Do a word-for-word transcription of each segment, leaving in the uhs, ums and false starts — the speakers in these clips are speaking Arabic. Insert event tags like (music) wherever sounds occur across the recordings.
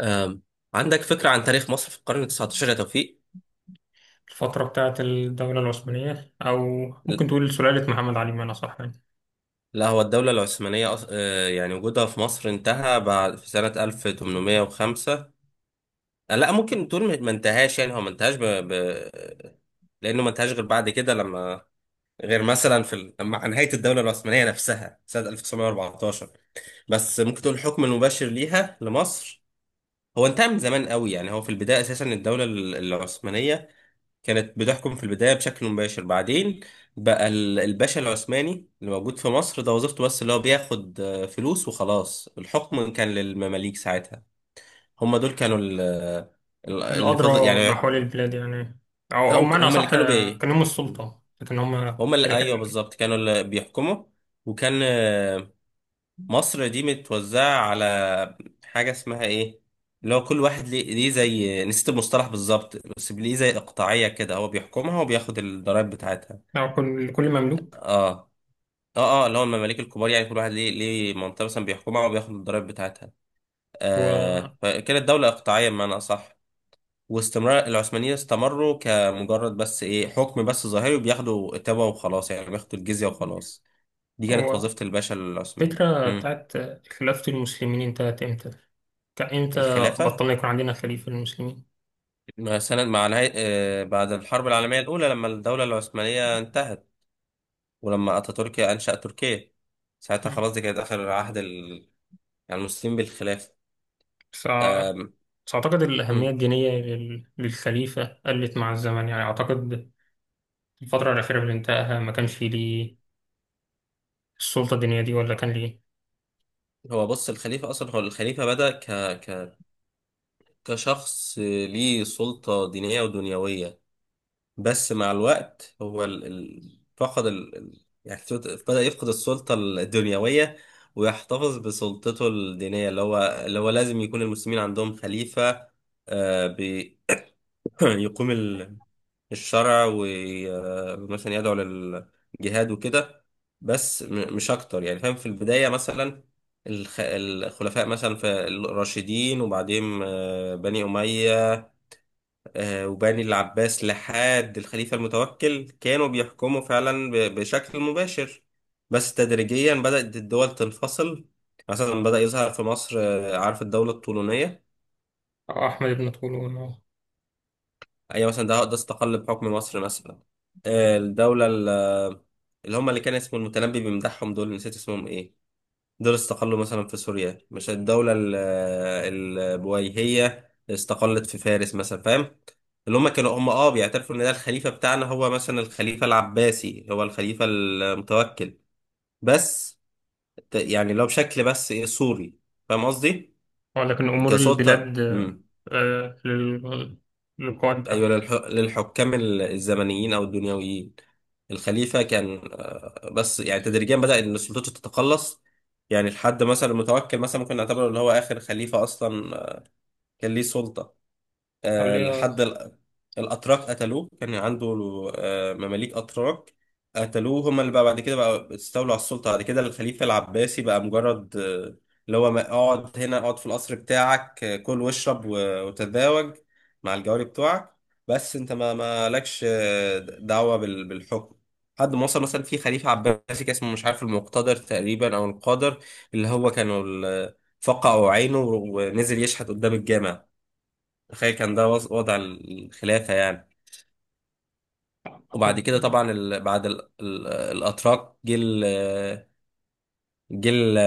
آم، عندك فكرة عن تاريخ مصر في القرن التسعتاشر يا توفيق؟ الفترة بتاعت الدولة العثمانية، أو ممكن تقول سلالة محمد علي، بمعنى صح يعني. لا، هو الدولة العثمانية أص- آه، يعني وجودها في مصر انتهى بعد في سنة ألف وتمنمية وخمسة. آه، لا، ممكن تقول ما ما انتهاش، يعني هو ما انتهاش ب... ب... لأنه ما انتهاش غير بعد كده، لما غير مثلا في ال... مع نهاية الدولة العثمانية نفسها سنة ألف وتسعمية وأربعتاشر. بس ممكن تقول الحكم المباشر ليها لمصر هو انتهى من زمان قوي، يعني هو في البداية أساسا الدولة ال- العثمانية كانت بتحكم في البداية بشكل مباشر، بعدين بقى ال- الباشا العثماني اللي موجود في مصر ده وظيفته بس، اللي هو بياخد آه، فلوس وخلاص. الحكم كان للمماليك ساعتها، هم دول كانوا ال- ال- اللي فضل الأدرى يعني. بأحوال البلاد يعني. أو لا، أو وك- بمعنى هم اللي صح. كانوا بي، كان هم السلطة لكن هم هم اللي ايوه لكن. بالظبط كانوا اللي بيحكموا. وكان آه، مصر دي متوزعة على حاجة اسمها ايه، اللي هو كل واحد ليه ليه زي، نسيت المصطلح بالظبط، بس ليه زي اقطاعية كده، هو بيحكمها وبياخد الضرايب بتاعتها. أو كل كل مملوك. اه اه اه، اللي هو المماليك الكبار، يعني كل واحد ليه ليه منطقه مثلا بيحكمها وبياخد الضرايب بتاعتها. هو آه، فكده الدوله اقطاعيه بمعنى اصح. واستمرار العثمانيين استمروا كمجرد بس ايه، حكم بس ظاهري وبياخدوا تبع وخلاص، يعني بياخدوا الجزيه وخلاص. دي كانت هو وظيفه الباشا العثماني. الفكرة امم بتاعت خلافة المسلمين انتهت إمتى؟ كإمتى؟ الخلافه بطلنا يكون عندنا خليفة للمسلمين؟ مع سنة، مع نهاية آه، بعد الحرب العالميه الاولى، لما الدوله العثمانيه انتهت، ولما اتاتورك انشأ تركيا، ساعتها مم. خلاص، دي كانت اخر عهد ال- يعني المسلمين بالخلافه. بس أع- آم، بس أعتقد مم. الأهمية الدينية لل- للخليفة قلت مع الزمن، يعني أعتقد الفترة الأخيرة اللي انتهاها ما كانش ليه السلطة الدينية دي، ولا كان ليه؟ هو بص، الخليفة أصلا، هو الخليفة بدأ ك... ك... كشخص ليه سلطة دينية ودنيوية، بس مع الوقت هو ال... ال... فقد ال... ال- يعني فت- بدأ يفقد السلطة الدنيوية ويحتفظ بسلطته الدينية، اللي هو اللي هو لازم يكون المسلمين عندهم خليفة. آه، ب... (clears throat) (laughs) يقوم ال- الشرع ومثلا يدعو للجهاد وكده، بس م- مش اكتر، يعني فاهم. في البداية مثلا الخ- الخلفاء مثلا في الراشدين، وبعدين آه، بني أمية، آه، وبني العباس لحد الخليفة المتوكل كانوا بيحكموا فعلا ب- بشكل مباشر، بس تدريجيا بدأت الدول تنفصل. مثلا بدأ يظهر في مصر، آه، عارف الدولة الطولونية؟ أو أحمد بن طولون، أه. ايوه مثلا، ده ده استقل بحكم مصر مثلا. آه، الدولة ال- اللي هم، اللي كان اسمه المتنبي بيمدحهم، دول نسيت اسمهم ايه، دول استقلوا مثلا في سوريا. مش الدولة ال- البويهية استقلت في فارس مثلا، فاهم؟ اللي هم كانوا هم اه بيعترفوا ان ده الخليفة بتاعنا، هو مثلا الخليفة العباسي هو الخليفة المتوكل، بس ت- يعني لو بشكل، بس إيه، سوري، فاهم قصدي؟ آه، لكن أمور كسلطة، البلاد. آه، لل- للقائد ده. أيوة للح... للحكام ال- الزمنيين أو الدنيويين، الخليفة كان آه، بس يعني تدريجيا بدأ إن السلطات تتقلص. يعني لحد مثلا المتوكل، مثلا ممكن نعتبره اللي هو آخر خليفة أصلا آه، كان ليه سلطة، آه، عليا. لحد ال- الأتراك قتلوه. كان عنده آه، مماليك أتراك قتلوه، هما اللي بقى بعد كده بقى استولوا على السلطة. بعد كده الخليفة العباسي بقى مجرد آه، اللي هو ما- اقعد هنا، اقعد في القصر بتاعك، آه، كل واشرب و- وتتزوج مع الجواري بتوعك، بس انت ما ما لكش آه، دعوة بال- بالحكم، لحد ما وصل مثلا في خليفة عباسي كان اسمه، مش عارف، المقتدر تقريبا أو القادر، اللي هو كانوا ال- فقعوا عينه ونزل يشحت قدام الجامع. تخيل كان ده وض- وضع الخلافة يعني. وبعد أحمد. كده طبعا ال... بعد ال... ال... الأتراك، جه ال... جه ال...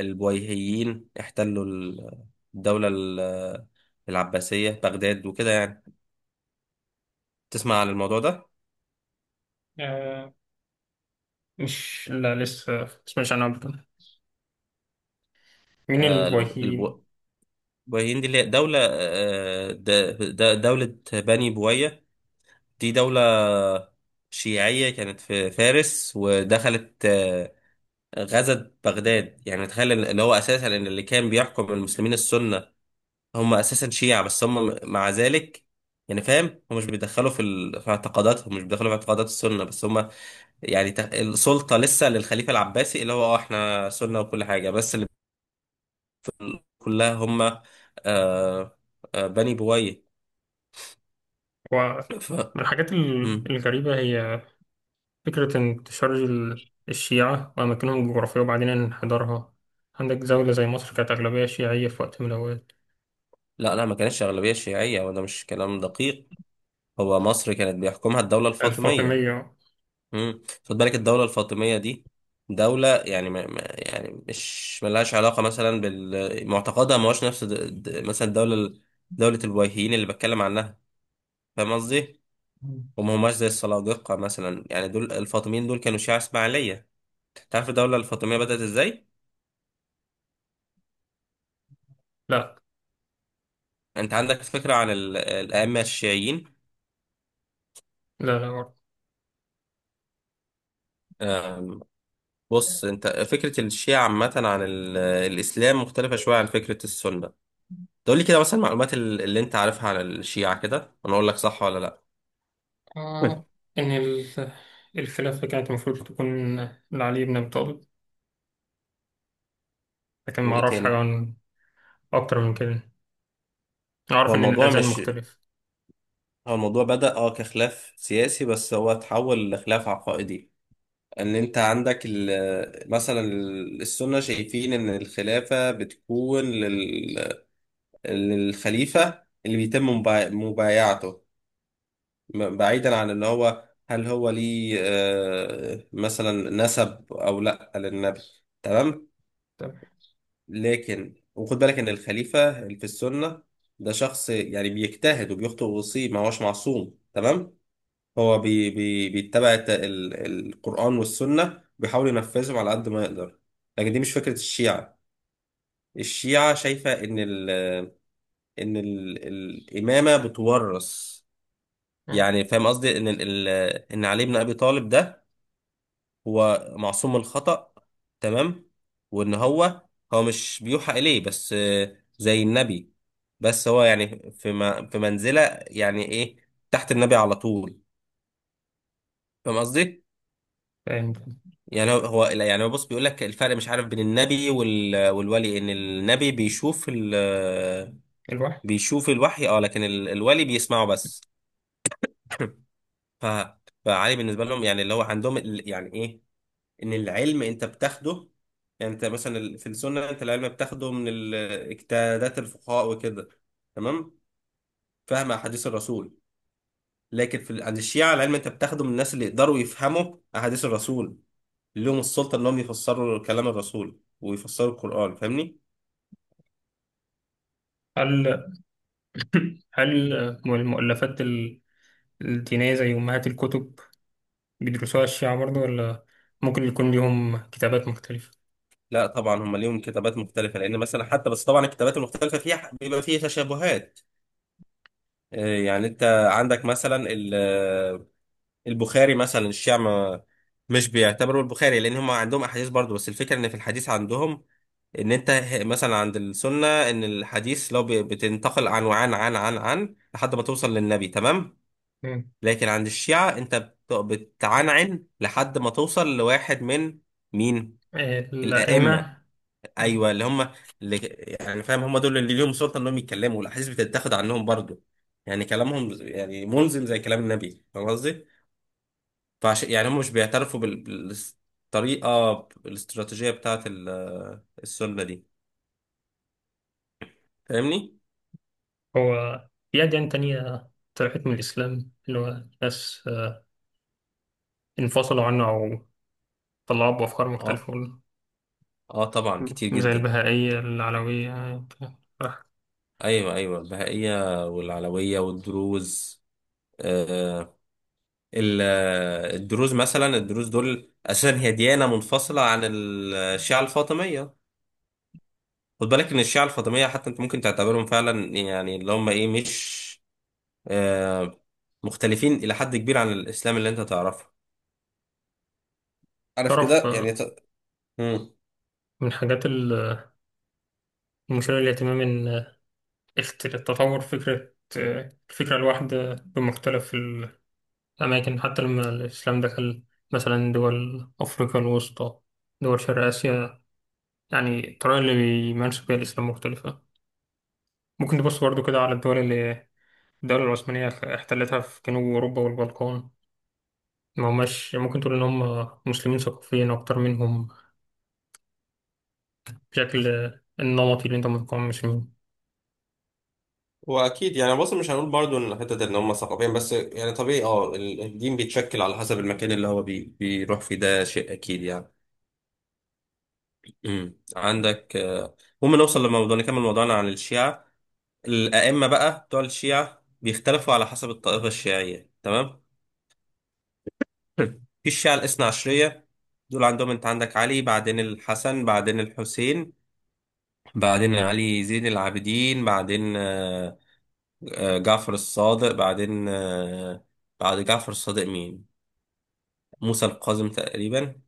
البويهيين احتلوا ال- الدولة ال- العباسية بغداد وكده يعني. تسمع عن الموضوع ده؟ آه، مش، لا لسه. مش أنا أبدا. مين آه الب- الفايكين؟ البو- البويهيين دي اللي هي دولة، آه، د- د- دولة بني بويه، دي دولة شيعية كانت في فارس، ودخلت آه، غزت بغداد. يعني تخيل إن- اللي هو أساسا إن اللي كان بيحكم المسلمين السنة هم اساسا شيعة، بس هم مع ذلك يعني فاهم، هم مش بيدخلوا في ال- في اعتقاداتهم، مش بيدخلوا في اعتقادات السنة، بس هم يعني تخ- السلطة لسه للخليفة العباسي، اللي هو اه احنا سنة وكل حاجة، بس اللي كلها هم آه، آه بني بويه. هو ف... من الحاجات ال- مم. الغريبة، هي فكرة انتشار ال- الشيعة وأماكنهم الجغرافية وبعدين انحدارها. عندك زولة زي مصر كانت أغلبية شيعية في وقت من الأوقات. لا لا، ما كانتش أغلبية شيعية، وده مش كلام دقيق. هو مصر كانت بيحكمها الدولة الفاطمية. الفاطمية. امم، خد بالك الدولة الفاطمية دي دولة يعني ما ما- يعني مش ملهاش علاقة مثلا بال معتقدها، ما هوش نفس د- د- مثلا الدولة ال- دولة الوهيين اللي بتكلم عنها، فاهم قصدي؟ وما هماش زي السلاجقة مثلا. يعني دول الفاطميين دول كانوا شيعة إسماعيلية. أنت عارف الدولة الفاطمية بدأت إزاي؟ لا أنت عندك فكرة عن ال- الأئمة الشيعيين؟ لا لا. آه، بص أنت، فكرة الشيعة عامة عن ال- الإسلام مختلفة شوية عن فكرة السنة. تقول لي كده مثلا المعلومات ال- اللي أنت عارفها عن الشيعة كده، وأنا أقول لك صح ولا لأ. آه، (laughs) إن ال- الخلافة كانت المفروض تكون لعلي بن أبي طالب، لكن ما وايه أعرفش حاجة تاني؟ عن أكتر من كده. أعرف هو إن الموضوع الأذان مش مختلف. هو الموضوع بدأ اه كخلاف سياسي، بس هو اتحول لخلاف عقائدي. ان انت عندك ال- مثلا ال- السنة شايفين ان الخلافة بتكون لل... للخليفة اللي بيتم مبا- مبايعته، م- بعيدا عن اللي هو هل هو ليه آه، مثلا نسب او لا للنبي، تمام. تمام. لكن وخد بالك ان الخليفه اللي في السنه ده شخص، يعني بيجتهد وبيخطئ ويصيب، ما هوش معصوم، تمام. هو بي بي بيتبع الت- ال- القران والسنه، وبيحاول ينفذهم على قد ما يقدر. لكن دي مش فكره الشيعه. الشيعه شايفه ان ال ان ال الامامه بتورث. آه، يعني فاهم قصدي، ان ال ال- ان علي بن ابي طالب ده هو معصوم من الخطأ، تمام، وان هو، هو مش بيوحى اليه بس آه، زي النبي، بس هو يعني في م- في منزلة، يعني ايه، تحت النبي على طول، فاهم قصدي؟ فاهم. يعني هو هو- لا، يعني هو بص، بيقول لك الفرق، مش عارف، بين النبي وال- والولي، ان النبي بيشوف ال، الواحد. بيشوف الوحي اه، لكن ال- الولي بيسمعه بس. ف فعلي بالنسبة لهم، يعني اللي هو عندهم ال- يعني ايه، ان العلم انت بتاخده. يعني انت مثلا ال- في السنه انت العلم بتاخده من ال- اجتهادات الفقهاء وكده، تمام، فهم احاديث الرسول. لكن في ال- عند الشيعه العلم انت بتاخده من الناس اللي يقدروا يفهموا احاديث الرسول، اللي لهم السلطه انهم يفسروا كلام الرسول ويفسروا القران، فاهمني؟ هل هل المؤلفات ال- الدينية زي أمهات الكتب بيدرسوها الشيعة برضه، ولا ممكن يكون ليهم كتابات مختلفة؟ لا طبعا هم ليهم كتابات مختلفه، لان مثلا حتى بس طبعا الكتابات المختلفه فيها بيبقى فيها تشابهات. آه، يعني انت عندك مثلا البخاري مثلا، الشيعة ما- مش بيعتبروا البخاري، لان هم عندهم احاديث برضو، بس الفكره ان في الحديث عندهم، ان انت ه- مثلا عند السنه ان الحديث لو ب- بتنتقل عن وعن عن عن عن لحد ما توصل للنبي، تمام. مم. لكن عند الشيعة انت بت- بتعنعن لحد ما توصل لواحد من مين؟ الائمه، الأئمة. ايوه اللي هم، اللي يعني فاهم، هم دول اللي ليهم سلطه انهم يتكلموا، والاحاديث بتتاخد عنهم برضو، يعني كلامهم يعني ملزم زي كلام النبي، فاهم قصدي؟ فعشان يعني هم مش بيعترفوا بال- بالطريقة الاستراتيجية بتاعة ال- السنة دي، فاهمني؟ هو في أديان تانية طلعت من الإسلام، اللي هو ناس آه، انفصلوا عنه، أو طلعوا بأفكار اه مختلفة. اه طبعا كتير زي جدا. البهائية، العلوية. ايوه ايوه، البهائية والعلوية والدروز. آه ال- الدروز مثلا، الدروز دول اساسا هي ديانة منفصلة عن الشيعة الفاطمية. خد بالك ان الشيعة الفاطمية حتى انت ممكن تعتبرهم فعلا يعني اللي هم ايه، مش آه، مختلفين الى حد كبير عن الاسلام اللي انت تعرفه، عارف تعرف. كده يعني. آه، ت... من حاجات ال- المثيرة للاهتمام، إن آه، اخت- تطور فكرة آه، الفكرة الواحدة بمختلف الأماكن، حتى لما الإسلام دخل مثلا دول أفريقيا الوسطى، دول شرق آسيا، يعني الطريقة اللي بيمارسوا بيها الإسلام مختلفة. ممكن تبص برضو كده على الدول اللي الدولة العثمانية احتلتها في جنوب أوروبا والبلقان، ما هماش، ممكن تقول إن هم مسلمين ثقافيين أكتر منهم، بشكل النمطي اللي انت متقمص منه. واكيد يعني، بص مش هنقول برضو ان حته ان هم ثقافيا بس، يعني طبيعي اه ال- الدين بيتشكل على حسب المكان اللي هو بي بيروح فيه، ده شيء اكيد يعني. امم عندك آه، المهم نوصل لموضوع، نكمل موضوعنا عن الشيعه. الائمه بقى بتوع الشيعه بيختلفوا على حسب الطائفه الشيعيه، تمام. (laughs) في الشيعه الاثنا عشريه دول عندهم، انت عندك علي، بعدين الحسن، بعدين الحسين، بعدين علي زين العابدين، بعدين آه، آه، جعفر الصادق، بعدين آه، بعد جعفر الصادق مين؟ موسى القاسم تقريبا،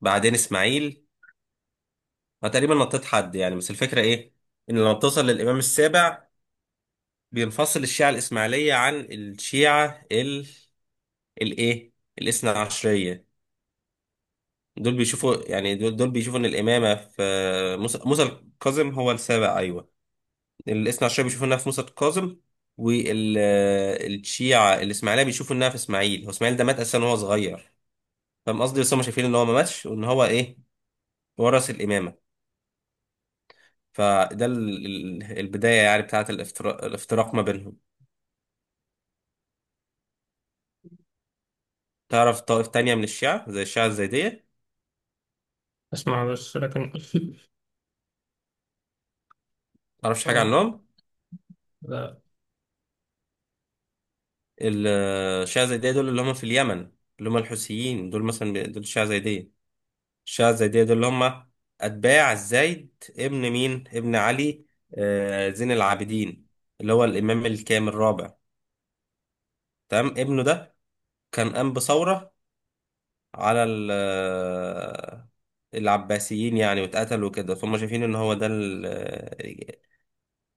بعدين اسماعيل. انا تقريبا نطيت حد يعني، بس الفكره ايه؟ ان لما بتوصل للامام السابع بينفصل الشيعه الاسماعيليه عن الشيعه ال الايه الاثنى عشريه. دول بيشوفوا يعني، دول, دول بيشوفوا ان الامامه في موسى موسى القاسم، هو السابع، ايوه. الاثنى عشريه بيشوفوا انها في موسى القاسم، والشيعه الاسماعيليه بيشوفوا انها في اسماعيل. هو اسماعيل ده مات اساسا وهو صغير، فاهم قصدي، بس هم شايفين ان هو ما ماتش، وان هو ايه، ورث الامامه. فده ال- ال- البداية يعني بتاعت الافتراق, الافتراق ما بينهم. تعرف طائف تانية من الشيعة زي الشيعة الزيدية؟ اسمع بس لكن. متعرفش (laughs) حاجة اه. عنهم؟ لا. ال- الشيعة الزيدية دول اللي هم في اليمن، اللي هم الحوثيين دول مثلا بي- دول الشيعة الزيدية. الشيعة الزيدية دول اللي هم أتباع الزيد ابن مين؟ ابن علي، آه، زين العابدين، اللي هو الإمام الكامل الرابع، تمام. ابنه ده كان قام بثورة على ال- آه، العباسيين يعني، واتقتل وكده، فهم شايفين ان هو ده ال-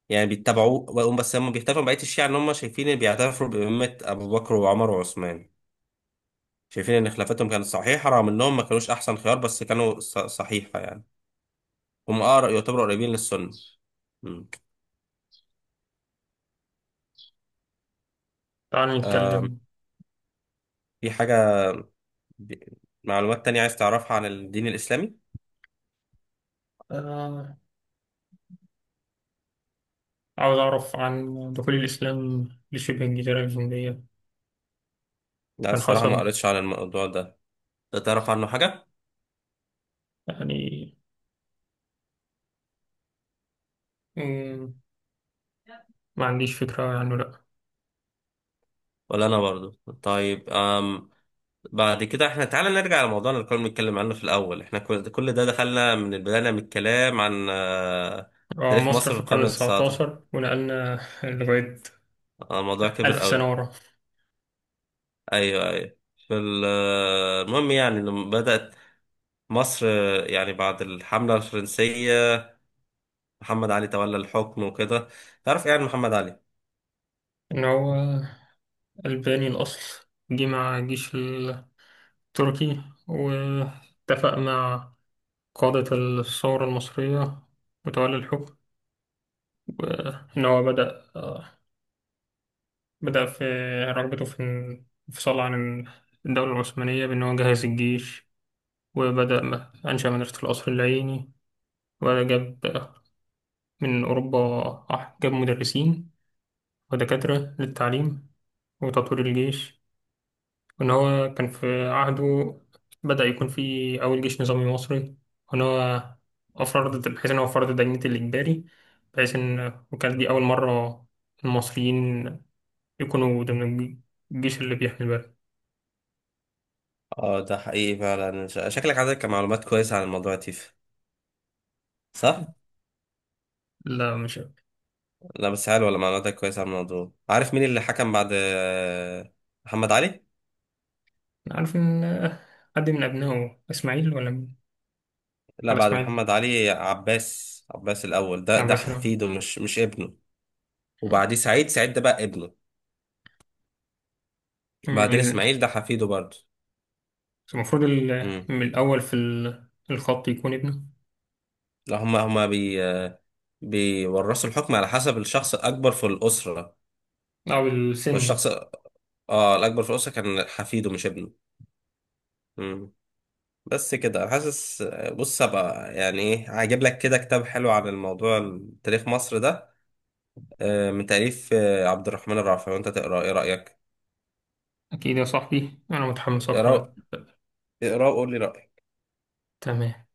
يعني بيتبعوه، وهم- بس هم بيختلفوا عن بقية الشيعة إن هم شايفين إن، بيعترفوا بإمامة أبو بكر وعمر وعثمان، شايفين إن خلافتهم كانت صحيحة رغم إنهم ما كانوش أحسن خيار، بس كانوا ص- صحيحة يعني. هم أقرب، يعتبروا قريبين للسنة. مم. تعال نتكلم. في حاجة، ب- معلومات تانية عايز تعرفها عن الدين الإسلامي؟ آه. عاوز اعرف عن دخول الاسلام لشبه الجزيرة الهندية. لا كان الصراحة ما حصل؟ قريتش عن الموضوع ده. أنت تعرف عنه حاجة؟ يعني. مم، ما عنديش فكرة عنه، لا. ولا أنا برضو. طيب أم، بعد كده احنا تعالى نرجع لموضوعنا اللي كنا بنتكلم عنه في الأول. احنا كل كل ده دخلنا من البداية من الكلام عن آه، آه، تاريخ مصر مصر في في القرن القرن التسعة عشر، التسعتاشر، ونقلنا (laughs) لغاية آه، الموضوع كبر ألف سنة قوي. ورا. أيوه أيوه. في ال- آه، المهم يعني لما بدأت مصر آه، يعني بعد الحملة الفرنسية، محمد علي تولى الحكم وكده. تعرف ايه عن محمد علي؟ إن هو ألباني الأصل، جه مع الجيش التركي، واتفق مع قادة الثورة المصرية وتولي الحكم. وإن هو بدأ آه، بدأ في رغبته في الانفصال عن الدولة العثمانية، بأن هو جهز الجيش، وبدأ م- أنشأ مدرسة القصر العيني، وجاب آه، من أوروبا، آه، جاب مدرسين ودكاترة للتعليم وتطوير الجيش. وإن هو كان في عهده بدأ يكون في أول جيش نظامي مصري. وإن هو أفرض، بحيث إن هو فرض دينة الإجباري، بحيث إن وكانت دي أول مرة المصريين يكونوا ضمن الجيش اللي بيحمي البلد. اه ده حقيقي فعلا، ش- شكلك عندك معلومات كويسة عن الموضوع يا تيف، صح؟ لا مش أنا. لا بس حلوة ولا، معلوماتك كويسة عن الموضوع. عارف مين اللي حكم بعد آه، محمد علي؟ عارف إن حد من أبنائه، إسماعيل ولا مين؟ لا، ولا بعد إسماعيل، محمد علي عباس، عباس الأول ده ده عباس لا. حفيده، مش مش ابنه. وبعديه سعيد، سعيد ده بقى ابنه. أمم، بعدين إذن إسماعيل ده حفيده برضه. المفروض ال- امم، من الأول في ال- الخط يكون ابنه. لا هما هما بي بيورثوا الحكم على حسب الشخص الأكبر في الأسرة. أو السن. فالشخص اه الأكبر في الأسرة كان حفيده مش ابنه. امم، بس كده. أنا حاسس، بص هبقى يعني إيه، هجيب لك كده كتاب حلو عن الموضوع، تاريخ مصر ده، آه، من تأليف آه، عبد الرحمن الرافعي، وأنت تقرأ. إيه رأيك؟ أكيد يا صاحبي، أنا متحمس أقرأ. اقرأ، اقرأ وقول لي رأيك. تمام